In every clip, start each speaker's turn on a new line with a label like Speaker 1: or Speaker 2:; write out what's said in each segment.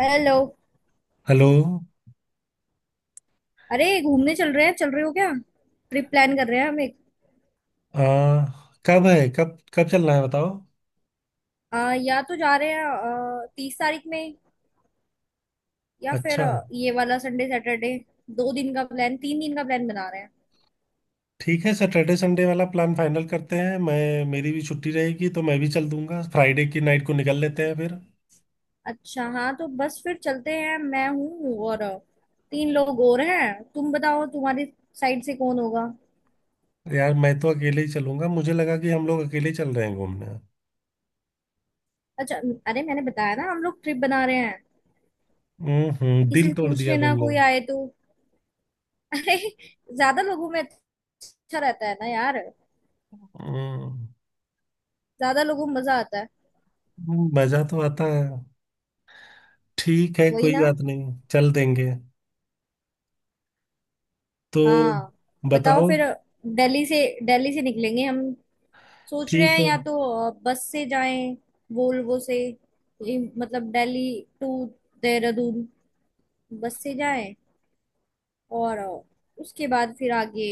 Speaker 1: Hello.
Speaker 2: Hello.
Speaker 1: अरे घूमने चल रहे हो क्या? ट्रिप प्लान कर रहे हैं हम एक।
Speaker 2: आ, कब है, कब कब चलना है बताओ।
Speaker 1: या तो जा रहे हैं 30 तारीख में, या फिर
Speaker 2: अच्छा,
Speaker 1: ये वाला संडे सैटरडे। 2 दिन का प्लान, 3 दिन का प्लान बना रहे हैं।
Speaker 2: ठीक है। सैटरडे संडे वाला प्लान फाइनल करते हैं, मैं मेरी भी छुट्टी रहेगी तो मैं भी चल दूंगा। फ्राइडे की नाइट को निकल लेते हैं फिर।
Speaker 1: अच्छा, हाँ तो बस फिर चलते हैं। मैं हूँ और तीन लोग और हैं। तुम बताओ, तुम्हारी साइड से कौन होगा?
Speaker 2: यार मैं तो अकेले ही चलूंगा। मुझे लगा कि हम लोग अकेले ही चल रहे हैं घूमने।
Speaker 1: अच्छा। अरे मैंने बताया ना, हम लोग ट्रिप बना रहे हैं।
Speaker 2: हम्म,
Speaker 1: किसी
Speaker 2: दिल
Speaker 1: से
Speaker 2: तोड़
Speaker 1: पूछ
Speaker 2: दिया
Speaker 1: लेना,
Speaker 2: तुमने।
Speaker 1: कोई आए तो। अरे, ज्यादा लोगों में अच्छा रहता है ना यार।
Speaker 2: हम्म,
Speaker 1: ज्यादा लोगों में मजा आता है।
Speaker 2: मजा तो आता है। ठीक है,
Speaker 1: वही
Speaker 2: कोई
Speaker 1: ना।
Speaker 2: बात नहीं, चल देंगे। तो
Speaker 1: हाँ, बताओ
Speaker 2: बताओ।
Speaker 1: फिर। दिल्ली से दिल्ली से निकलेंगे हम। सोच रहे
Speaker 2: ठीक
Speaker 1: हैं, या
Speaker 2: है।
Speaker 1: तो बस से जाएं, वोल्वो से। ये मतलब दिल्ली टू देहरादून बस से जाएं, और उसके बाद फिर आगे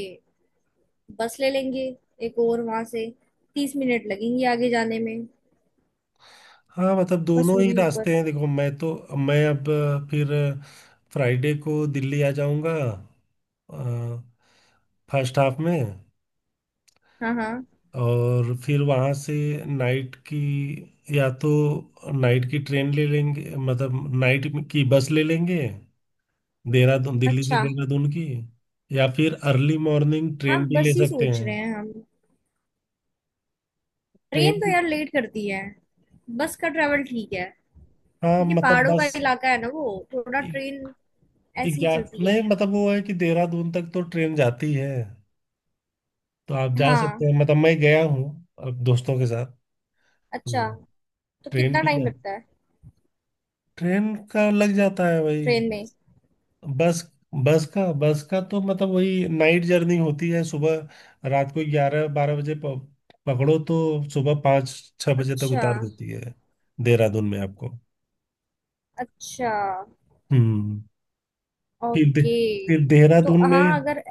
Speaker 1: बस ले लेंगे एक और वहां से। 30 मिनट लगेंगे आगे जाने में,
Speaker 2: हाँ, मतलब दोनों ही
Speaker 1: मसूरी ऊपर।
Speaker 2: रास्ते हैं, देखो मैं तो। मैं अब फिर फ्राइडे को दिल्ली आ जाऊंगा। फर्स्ट हाफ में।
Speaker 1: हाँ, हाँ।
Speaker 2: और फिर वहाँ से नाइट की, या तो नाइट की ट्रेन ले लेंगे, मतलब नाइट की बस ले लेंगे देहरादून, दिल्ली से
Speaker 1: अच्छा,
Speaker 2: देहरादून की। या फिर अर्ली मॉर्निंग
Speaker 1: हाँ
Speaker 2: ट्रेन भी
Speaker 1: बस
Speaker 2: ले
Speaker 1: ही
Speaker 2: सकते
Speaker 1: सोच
Speaker 2: हैं।
Speaker 1: रहे हैं हम। ट्रेन
Speaker 2: ट्रेन
Speaker 1: तो
Speaker 2: भी।
Speaker 1: यार लेट करती है। बस का ट्रेवल ठीक है,
Speaker 2: हाँ
Speaker 1: क्योंकि
Speaker 2: मतलब
Speaker 1: पहाड़ों का
Speaker 2: बस।
Speaker 1: इलाका है ना वो, थोड़ा ट्रेन ऐसी ही
Speaker 2: 11
Speaker 1: चलती है।
Speaker 2: नहीं, मतलब वो है कि देहरादून तक तो ट्रेन जाती है। तो आप जा सकते
Speaker 1: हाँ।
Speaker 2: हैं, मतलब मैं गया हूँ। अब दोस्तों के साथ।
Speaker 1: अच्छा,
Speaker 2: तो।
Speaker 1: तो
Speaker 2: ट्रेन
Speaker 1: कितना
Speaker 2: भी
Speaker 1: टाइम
Speaker 2: जा,
Speaker 1: लगता है
Speaker 2: ट्रेन का लग जाता है वही।
Speaker 1: ट्रेन में?
Speaker 2: बस। बस का तो मतलब वही नाइट जर्नी होती है, सुबह रात को 11 12 बजे पकड़ो तो सुबह 5 6 बजे तक
Speaker 1: अच्छा।
Speaker 2: उतार देती है देहरादून में आपको।
Speaker 1: अच्छा।
Speaker 2: हम्म। फिर दे,
Speaker 1: ओके।
Speaker 2: फिर
Speaker 1: तो
Speaker 2: देहरादून में।
Speaker 1: हाँ, अगर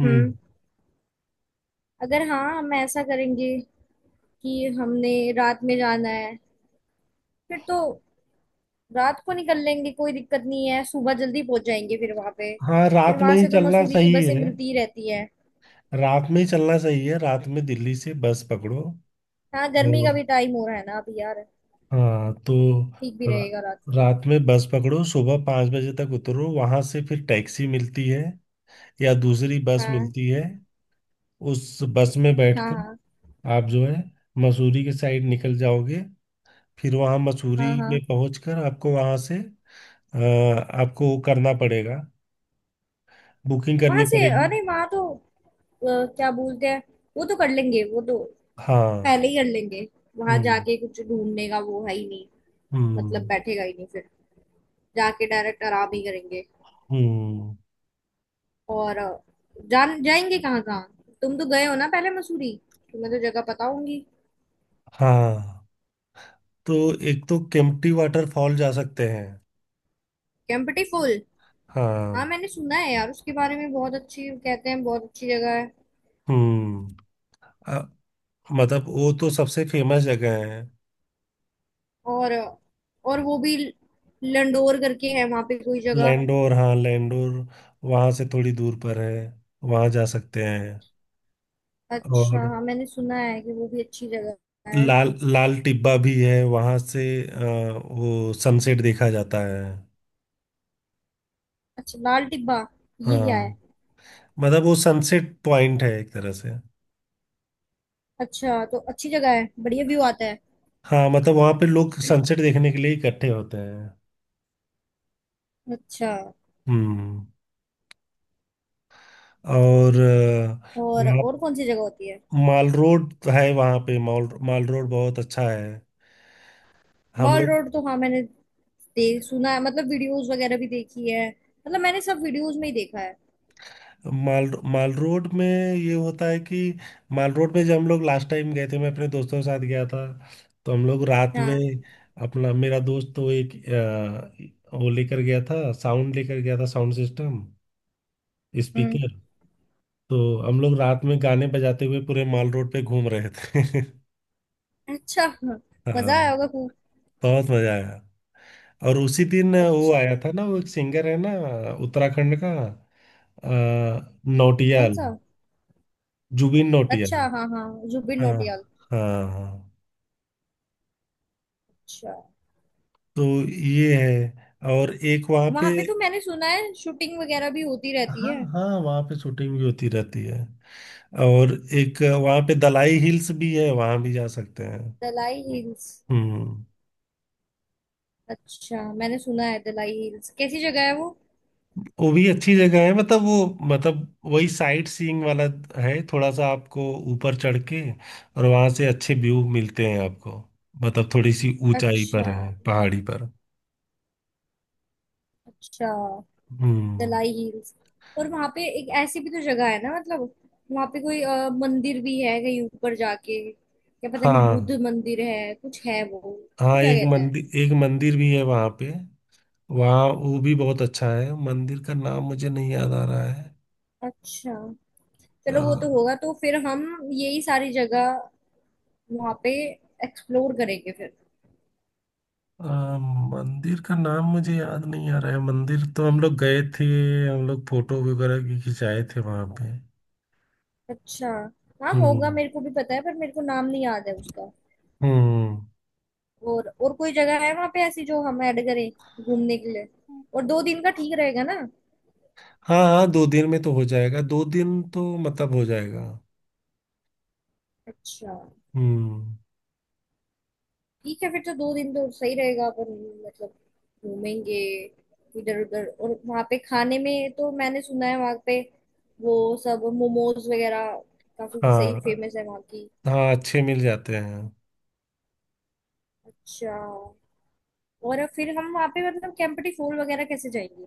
Speaker 2: हम्म।
Speaker 1: हम्म अगर हाँ, हम ऐसा करेंगे कि हमने रात में जाना है, फिर तो रात को निकल लेंगे। कोई दिक्कत नहीं है, सुबह जल्दी पहुंच जाएंगे फिर वहां पे।
Speaker 2: हाँ,
Speaker 1: फिर
Speaker 2: रात में
Speaker 1: वहां
Speaker 2: ही
Speaker 1: से तो
Speaker 2: चलना
Speaker 1: मसूरी की
Speaker 2: सही
Speaker 1: बसें
Speaker 2: है।
Speaker 1: मिलती ही रहती है।
Speaker 2: रात में ही चलना सही है, रात में दिल्ली से बस पकड़ो।
Speaker 1: हाँ, गर्मी का भी टाइम हो रहा है ना अभी यार,
Speaker 2: हाँ तो।
Speaker 1: ठीक भी
Speaker 2: रा,
Speaker 1: रहेगा रात को।
Speaker 2: रात में बस पकड़ो, सुबह 5 बजे तक उतरो, वहां से फिर टैक्सी मिलती है या दूसरी बस
Speaker 1: हाँ,
Speaker 2: मिलती है। उस बस में
Speaker 1: हाँ,
Speaker 2: बैठकर
Speaker 1: हाँ,
Speaker 2: आप जो है मसूरी के साइड निकल जाओगे। फिर वहां मसूरी
Speaker 1: हाँ,
Speaker 2: में
Speaker 1: हाँ।
Speaker 2: पहुंचकर आपको वहां से अ, आपको वो करना पड़ेगा, बुकिंग करनी
Speaker 1: वहां से,
Speaker 2: पड़ेगी।
Speaker 1: अरे वहां तो क्या बोलते हैं, वो तो कर लेंगे। वो तो
Speaker 2: हाँ।
Speaker 1: पहले ही कर लेंगे। वहां
Speaker 2: हम्म,
Speaker 1: जाके कुछ ढूंढने का वो है ही नहीं, मतलब
Speaker 2: हम्म,
Speaker 1: बैठेगा ही नहीं फिर। जाके डायरेक्ट आराम ही करेंगे,
Speaker 2: हम्म।
Speaker 1: और जान जाएंगे कहाँ कहाँ। तुम तो गए हो ना पहले मसूरी, तुम्हें तो जगह पता होंगी।
Speaker 2: हाँ तो एक तो केम्प्टी वाटरफॉल जा सकते हैं।
Speaker 1: केम्प्टी फॉल। हाँ,
Speaker 2: हाँ।
Speaker 1: मैंने सुना है यार उसके बारे में, बहुत अच्छी कहते हैं, बहुत अच्छी जगह है।
Speaker 2: हम्म, मतलब वो तो सबसे फेमस जगह है।
Speaker 1: और अ, और वो भी लंडोर करके है वहां पे कोई जगह।
Speaker 2: लैंडोर, हाँ लैंडोर वहां से थोड़ी दूर पर है, वहां जा सकते हैं।
Speaker 1: अच्छा,
Speaker 2: और
Speaker 1: हाँ मैंने सुना है कि वो भी अच्छी जगह है।
Speaker 2: लाल लाल टिब्बा भी है वहां से, वो सनसेट देखा जाता है।
Speaker 1: अच्छा, लाल टिब्बा, ये क्या है?
Speaker 2: हाँ, मतलब वो सनसेट पॉइंट है एक तरह से।
Speaker 1: अच्छा, तो अच्छी जगह है, बढ़िया व्यू आता है।
Speaker 2: हाँ, मतलब वहां पे लोग सनसेट देखने के लिए इकट्ठे होते हैं।
Speaker 1: अच्छा।
Speaker 2: हम्म। और
Speaker 1: और
Speaker 2: वहाँ
Speaker 1: कौन सी जगह होती है?
Speaker 2: माल रोड है, वहां पे माल माल रोड बहुत अच्छा है। हम
Speaker 1: मॉल
Speaker 2: लोग।
Speaker 1: रोड, तो हाँ मैंने देख सुना है, मतलब वीडियोस वगैरह भी देखी है, मतलब मैंने सब वीडियोस में ही देखा है।
Speaker 2: माल माल रोड में ये होता है कि माल रोड में, जब हम लोग लास्ट टाइम गए थे, मैं अपने दोस्तों के साथ गया था। तो हम लोग रात में,
Speaker 1: हाँ।
Speaker 2: अपना मेरा दोस्त तो एक वो लेकर गया था, साउंड लेकर गया था, साउंड सिस्टम,
Speaker 1: हम्म।
Speaker 2: स्पीकर। तो हम लोग रात में गाने बजाते हुए पूरे माल रोड पे घूम रहे थे।
Speaker 1: अच्छा, हाँ,
Speaker 2: हाँ,
Speaker 1: मजा आया होगा खूब।
Speaker 2: बहुत मजा आया। और उसी दिन वो
Speaker 1: अच्छा,
Speaker 2: आया था ना, वो एक सिंगर है ना, उत्तराखंड का, अ,
Speaker 1: कौन
Speaker 2: नौटियाल,
Speaker 1: सा?
Speaker 2: जुबिन नौटियाल।
Speaker 1: अच्छा, हाँ, हाँ, जुबिन
Speaker 2: हाँ
Speaker 1: नौटियाल।
Speaker 2: हाँ हाँ।
Speaker 1: अच्छा,
Speaker 2: तो ये है, और एक वहाँ पे।
Speaker 1: वहां पे तो मैंने सुना है शूटिंग वगैरह भी होती रहती
Speaker 2: हाँ
Speaker 1: है।
Speaker 2: हाँ, वहाँ पे शूटिंग भी होती रहती है। और एक वहाँ पे दलाई हिल्स भी है, वहाँ भी जा सकते हैं।
Speaker 1: दलाई हिल्स?
Speaker 2: हम्म।
Speaker 1: अच्छा, मैंने सुना है दलाई हिल्स, कैसी जगह है वो?
Speaker 2: वो भी अच्छी जगह है, मतलब वो, मतलब वही साइट सीइंग वाला है, थोड़ा सा आपको ऊपर चढ़ के और वहाँ से अच्छे व्यू मिलते हैं आपको। मतलब थोड़ी सी ऊंचाई
Speaker 1: अच्छा।
Speaker 2: पर है, पहाड़ी पर।
Speaker 1: अच्छा।
Speaker 2: हम्म।
Speaker 1: दलाई हिल्स। और वहां पे एक ऐसी भी तो जगह है ना, मतलब वहां पे कोई मंदिर भी है कहीं ऊपर जाके, या पता नहीं
Speaker 2: हाँ
Speaker 1: बुद्ध मंदिर है, कुछ है वो,
Speaker 2: हाँ,
Speaker 1: उसको क्या
Speaker 2: एक
Speaker 1: कहते हैं?
Speaker 2: मंदिर एक मंदिर भी है वहाँ पे। वहाँ वो भी बहुत अच्छा है, मंदिर का नाम मुझे नहीं याद आ रहा है।
Speaker 1: अच्छा,
Speaker 2: अ,
Speaker 1: चलो वो तो होगा, तो फिर हम यही सारी जगह वहां पे एक्सप्लोर करेंगे फिर।
Speaker 2: अ, मंदिर का नाम मुझे याद नहीं आ रहा है, मंदिर तो हम लोग गए थे। हम लोग फोटो वगैरह भी खिंचाए थे वहां पे।
Speaker 1: अच्छा, हाँ होगा,
Speaker 2: हम्म,
Speaker 1: मेरे को भी पता है, पर मेरे को नाम नहीं याद है उसका।
Speaker 2: हम्म।
Speaker 1: और कोई जगह है वहां पे ऐसी जो हम ऐड करें घूमने के लिए? और 2 दिन का ठीक रहेगा ना?
Speaker 2: हाँ हाँ, 2 दिन में तो हो जाएगा, 2 दिन तो मतलब हो जाएगा।
Speaker 1: अच्छा,
Speaker 2: हम्म।
Speaker 1: ठीक है फिर तो, 2 दिन तो सही रहेगा अपन। मतलब घूमेंगे इधर उधर। और वहाँ पे खाने में तो मैंने सुना है, वहाँ पे वो सब मोमोज वगैरह काफी सही
Speaker 2: हाँ
Speaker 1: फेमस है वहाँ की।
Speaker 2: हाँ, अच्छे मिल जाते हैं।
Speaker 1: अच्छा, और फिर हम वहाँ पे मतलब कैंपटी फोल वगैरह कैसे जाएंगे,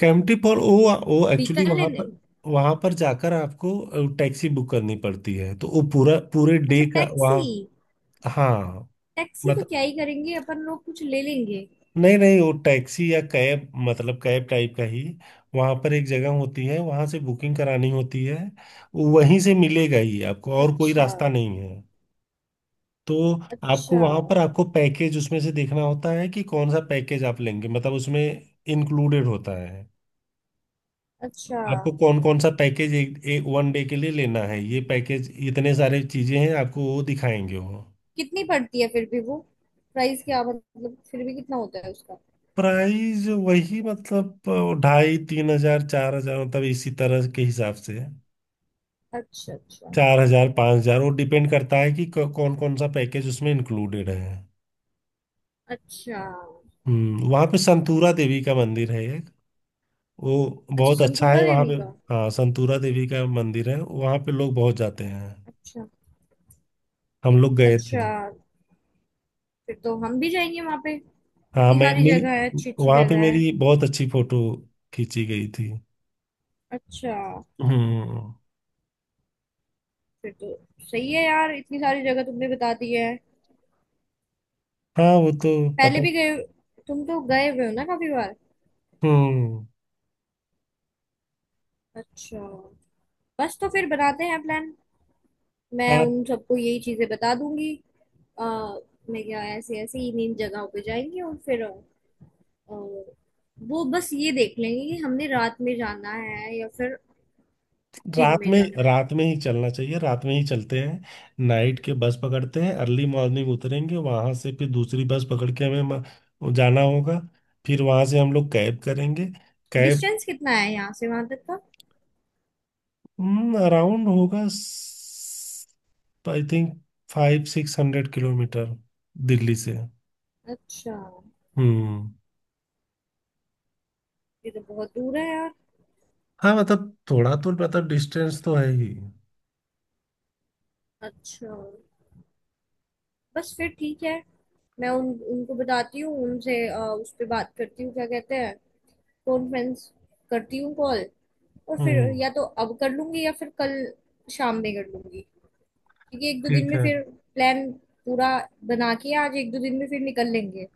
Speaker 2: कैंपटी फॉर, वो एक्चुअली
Speaker 1: व्हीकल
Speaker 2: वहां
Speaker 1: लेने?
Speaker 2: पर, वहां पर जाकर आपको टैक्सी बुक करनी पड़ती है, तो वो पूरा पूरे डे
Speaker 1: अच्छा,
Speaker 2: का
Speaker 1: टैक्सी।
Speaker 2: वहाँ। हाँ
Speaker 1: टैक्सी तो
Speaker 2: मतलब।
Speaker 1: क्या ही करेंगे अपन लोग, कुछ ले लेंगे।
Speaker 2: नहीं नहीं, वो टैक्सी या कैब, मतलब कैब टाइप का ही। वहां पर एक जगह होती है, वहां से बुकिंग करानी होती है। वहीं से मिलेगा ही आपको, और कोई
Speaker 1: अच्छा।
Speaker 2: रास्ता नहीं है। तो। आपको
Speaker 1: अच्छा।
Speaker 2: वहां पर, आपको पैकेज उसमें से देखना होता है कि कौन सा पैकेज आप लेंगे, मतलब उसमें इंक्लूडेड होता है।
Speaker 1: अच्छा,
Speaker 2: आपको कौन कौन सा पैकेज एक वन डे के लिए लेना है, ये पैकेज इतने सारे चीजें हैं, आपको वो दिखाएंगे वो।
Speaker 1: कितनी पड़ती है फिर भी वो, प्राइस क्या, मतलब फिर भी कितना होता है उसका?
Speaker 2: प्राइस वही, मतलब ढाई 3 हजार, 4 हजार, मतलब इसी तरह के हिसाब से है।
Speaker 1: अच्छा। अच्छा।
Speaker 2: 4 हजार, 5 हजार, वो डिपेंड करता है कि कौन कौन सा पैकेज उसमें इंक्लूडेड है।
Speaker 1: अच्छा।
Speaker 2: हम्म, वहाँ पे संतूरा देवी का मंदिर है एक, वो
Speaker 1: अच्छा,
Speaker 2: बहुत अच्छा
Speaker 1: संतूरा
Speaker 2: है वहाँ
Speaker 1: देवी
Speaker 2: पे।
Speaker 1: का?
Speaker 2: हाँ, संतूरा देवी का मंदिर है वहाँ पे, लोग बहुत जाते हैं।
Speaker 1: अच्छा।
Speaker 2: हम लोग गए थे।
Speaker 1: अच्छा, फिर तो हम भी जाएंगे वहां पे,
Speaker 2: हाँ,
Speaker 1: इतनी
Speaker 2: मैं
Speaker 1: सारी
Speaker 2: मेरी
Speaker 1: जगह है, अच्छी अच्छी
Speaker 2: वहाँ पे
Speaker 1: जगह है।
Speaker 2: मेरी बहुत अच्छी फोटो खींची गई थी।
Speaker 1: अच्छा।
Speaker 2: हम्म।
Speaker 1: फिर तो सही है यार, इतनी सारी जगह तुमने बता दी है।
Speaker 2: हाँ, वो तो
Speaker 1: पहले
Speaker 2: पता।
Speaker 1: भी गए, तुम तो गए हुए हो ना काफी बार।
Speaker 2: हम्म।
Speaker 1: अच्छा। बस तो फिर बनाते हैं प्लान। मैं उन सबको यही चीजें बता दूंगी, आ, मैं क्या, ऐसे ऐसे इन इन जगहों पे जाएंगे। और फिर वो बस ये देख लेंगे कि हमने रात में जाना है या फिर दिन
Speaker 2: रात
Speaker 1: में
Speaker 2: में,
Speaker 1: जाना है।
Speaker 2: रात में ही चलना चाहिए, रात में ही चलते हैं, नाइट के बस पकड़ते हैं, अर्ली मॉर्निंग उतरेंगे वहां से, फिर दूसरी बस पकड़ के हमें जाना होगा। फिर वहां से हम लोग कैब करेंगे, कैब।
Speaker 1: डिस्टेंस कितना है यहाँ से वहां तक का?
Speaker 2: अराउंड होगा I think five six hundred kilometre Delhi से।
Speaker 1: अच्छा,
Speaker 2: हम्म।
Speaker 1: ये तो बहुत दूर है यार।
Speaker 2: हाँ, मतलब थोड़ा तो, मतलब डिस्टेंस तो है ही।
Speaker 1: अच्छा, बस फिर ठीक है। मैं उन उनको बताती हूँ, उनसे उस पे बात करती हूँ, क्या कहते हैं, कॉन्फ्रेंस करती हूँ कॉल। और फिर
Speaker 2: हम्म।
Speaker 1: या तो अब कर लूंगी या फिर कल शाम में कर लूंगी। क्योंकि एक दो दिन
Speaker 2: ठीक
Speaker 1: में
Speaker 2: है।
Speaker 1: फिर प्लान पूरा बना के, आज एक दो दिन में फिर निकल लेंगे।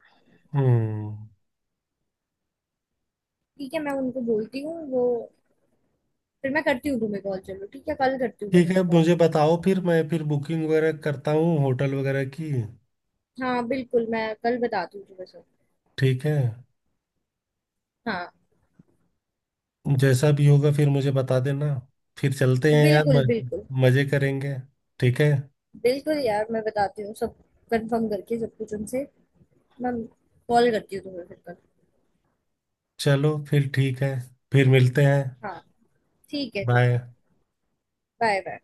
Speaker 2: हम्म।
Speaker 1: ठीक है, मैं उनको बोलती हूँ वो, फिर मैं करती हूँ तुम्हें कॉल। चलो ठीक है, कल करती हूँ मैं
Speaker 2: ठीक है,
Speaker 1: तुम्हें कॉल।
Speaker 2: मुझे बताओ फिर, मैं फिर बुकिंग वगैरह करता हूँ होटल वगैरह की।
Speaker 1: हाँ, बिल्कुल, मैं कल बताती हूँ तुम्हें सब।
Speaker 2: ठीक है।
Speaker 1: हाँ।
Speaker 2: जैसा भी होगा, फिर मुझे बता देना। फिर चलते हैं यार,
Speaker 1: बिल्कुल, बिल्कुल।
Speaker 2: मजे करेंगे। ठीक है।
Speaker 1: बिल्कुल यार, मैं बताती हूँ सब कंफर्म करके सब कुछ उनसे। मैं कॉल करती हूँ तुम्हें फिर कल।
Speaker 2: चलो, फिर ठीक है। फिर मिलते हैं।
Speaker 1: हाँ, ठीक है, ठीक है।
Speaker 2: बाय।
Speaker 1: बाय। बाय।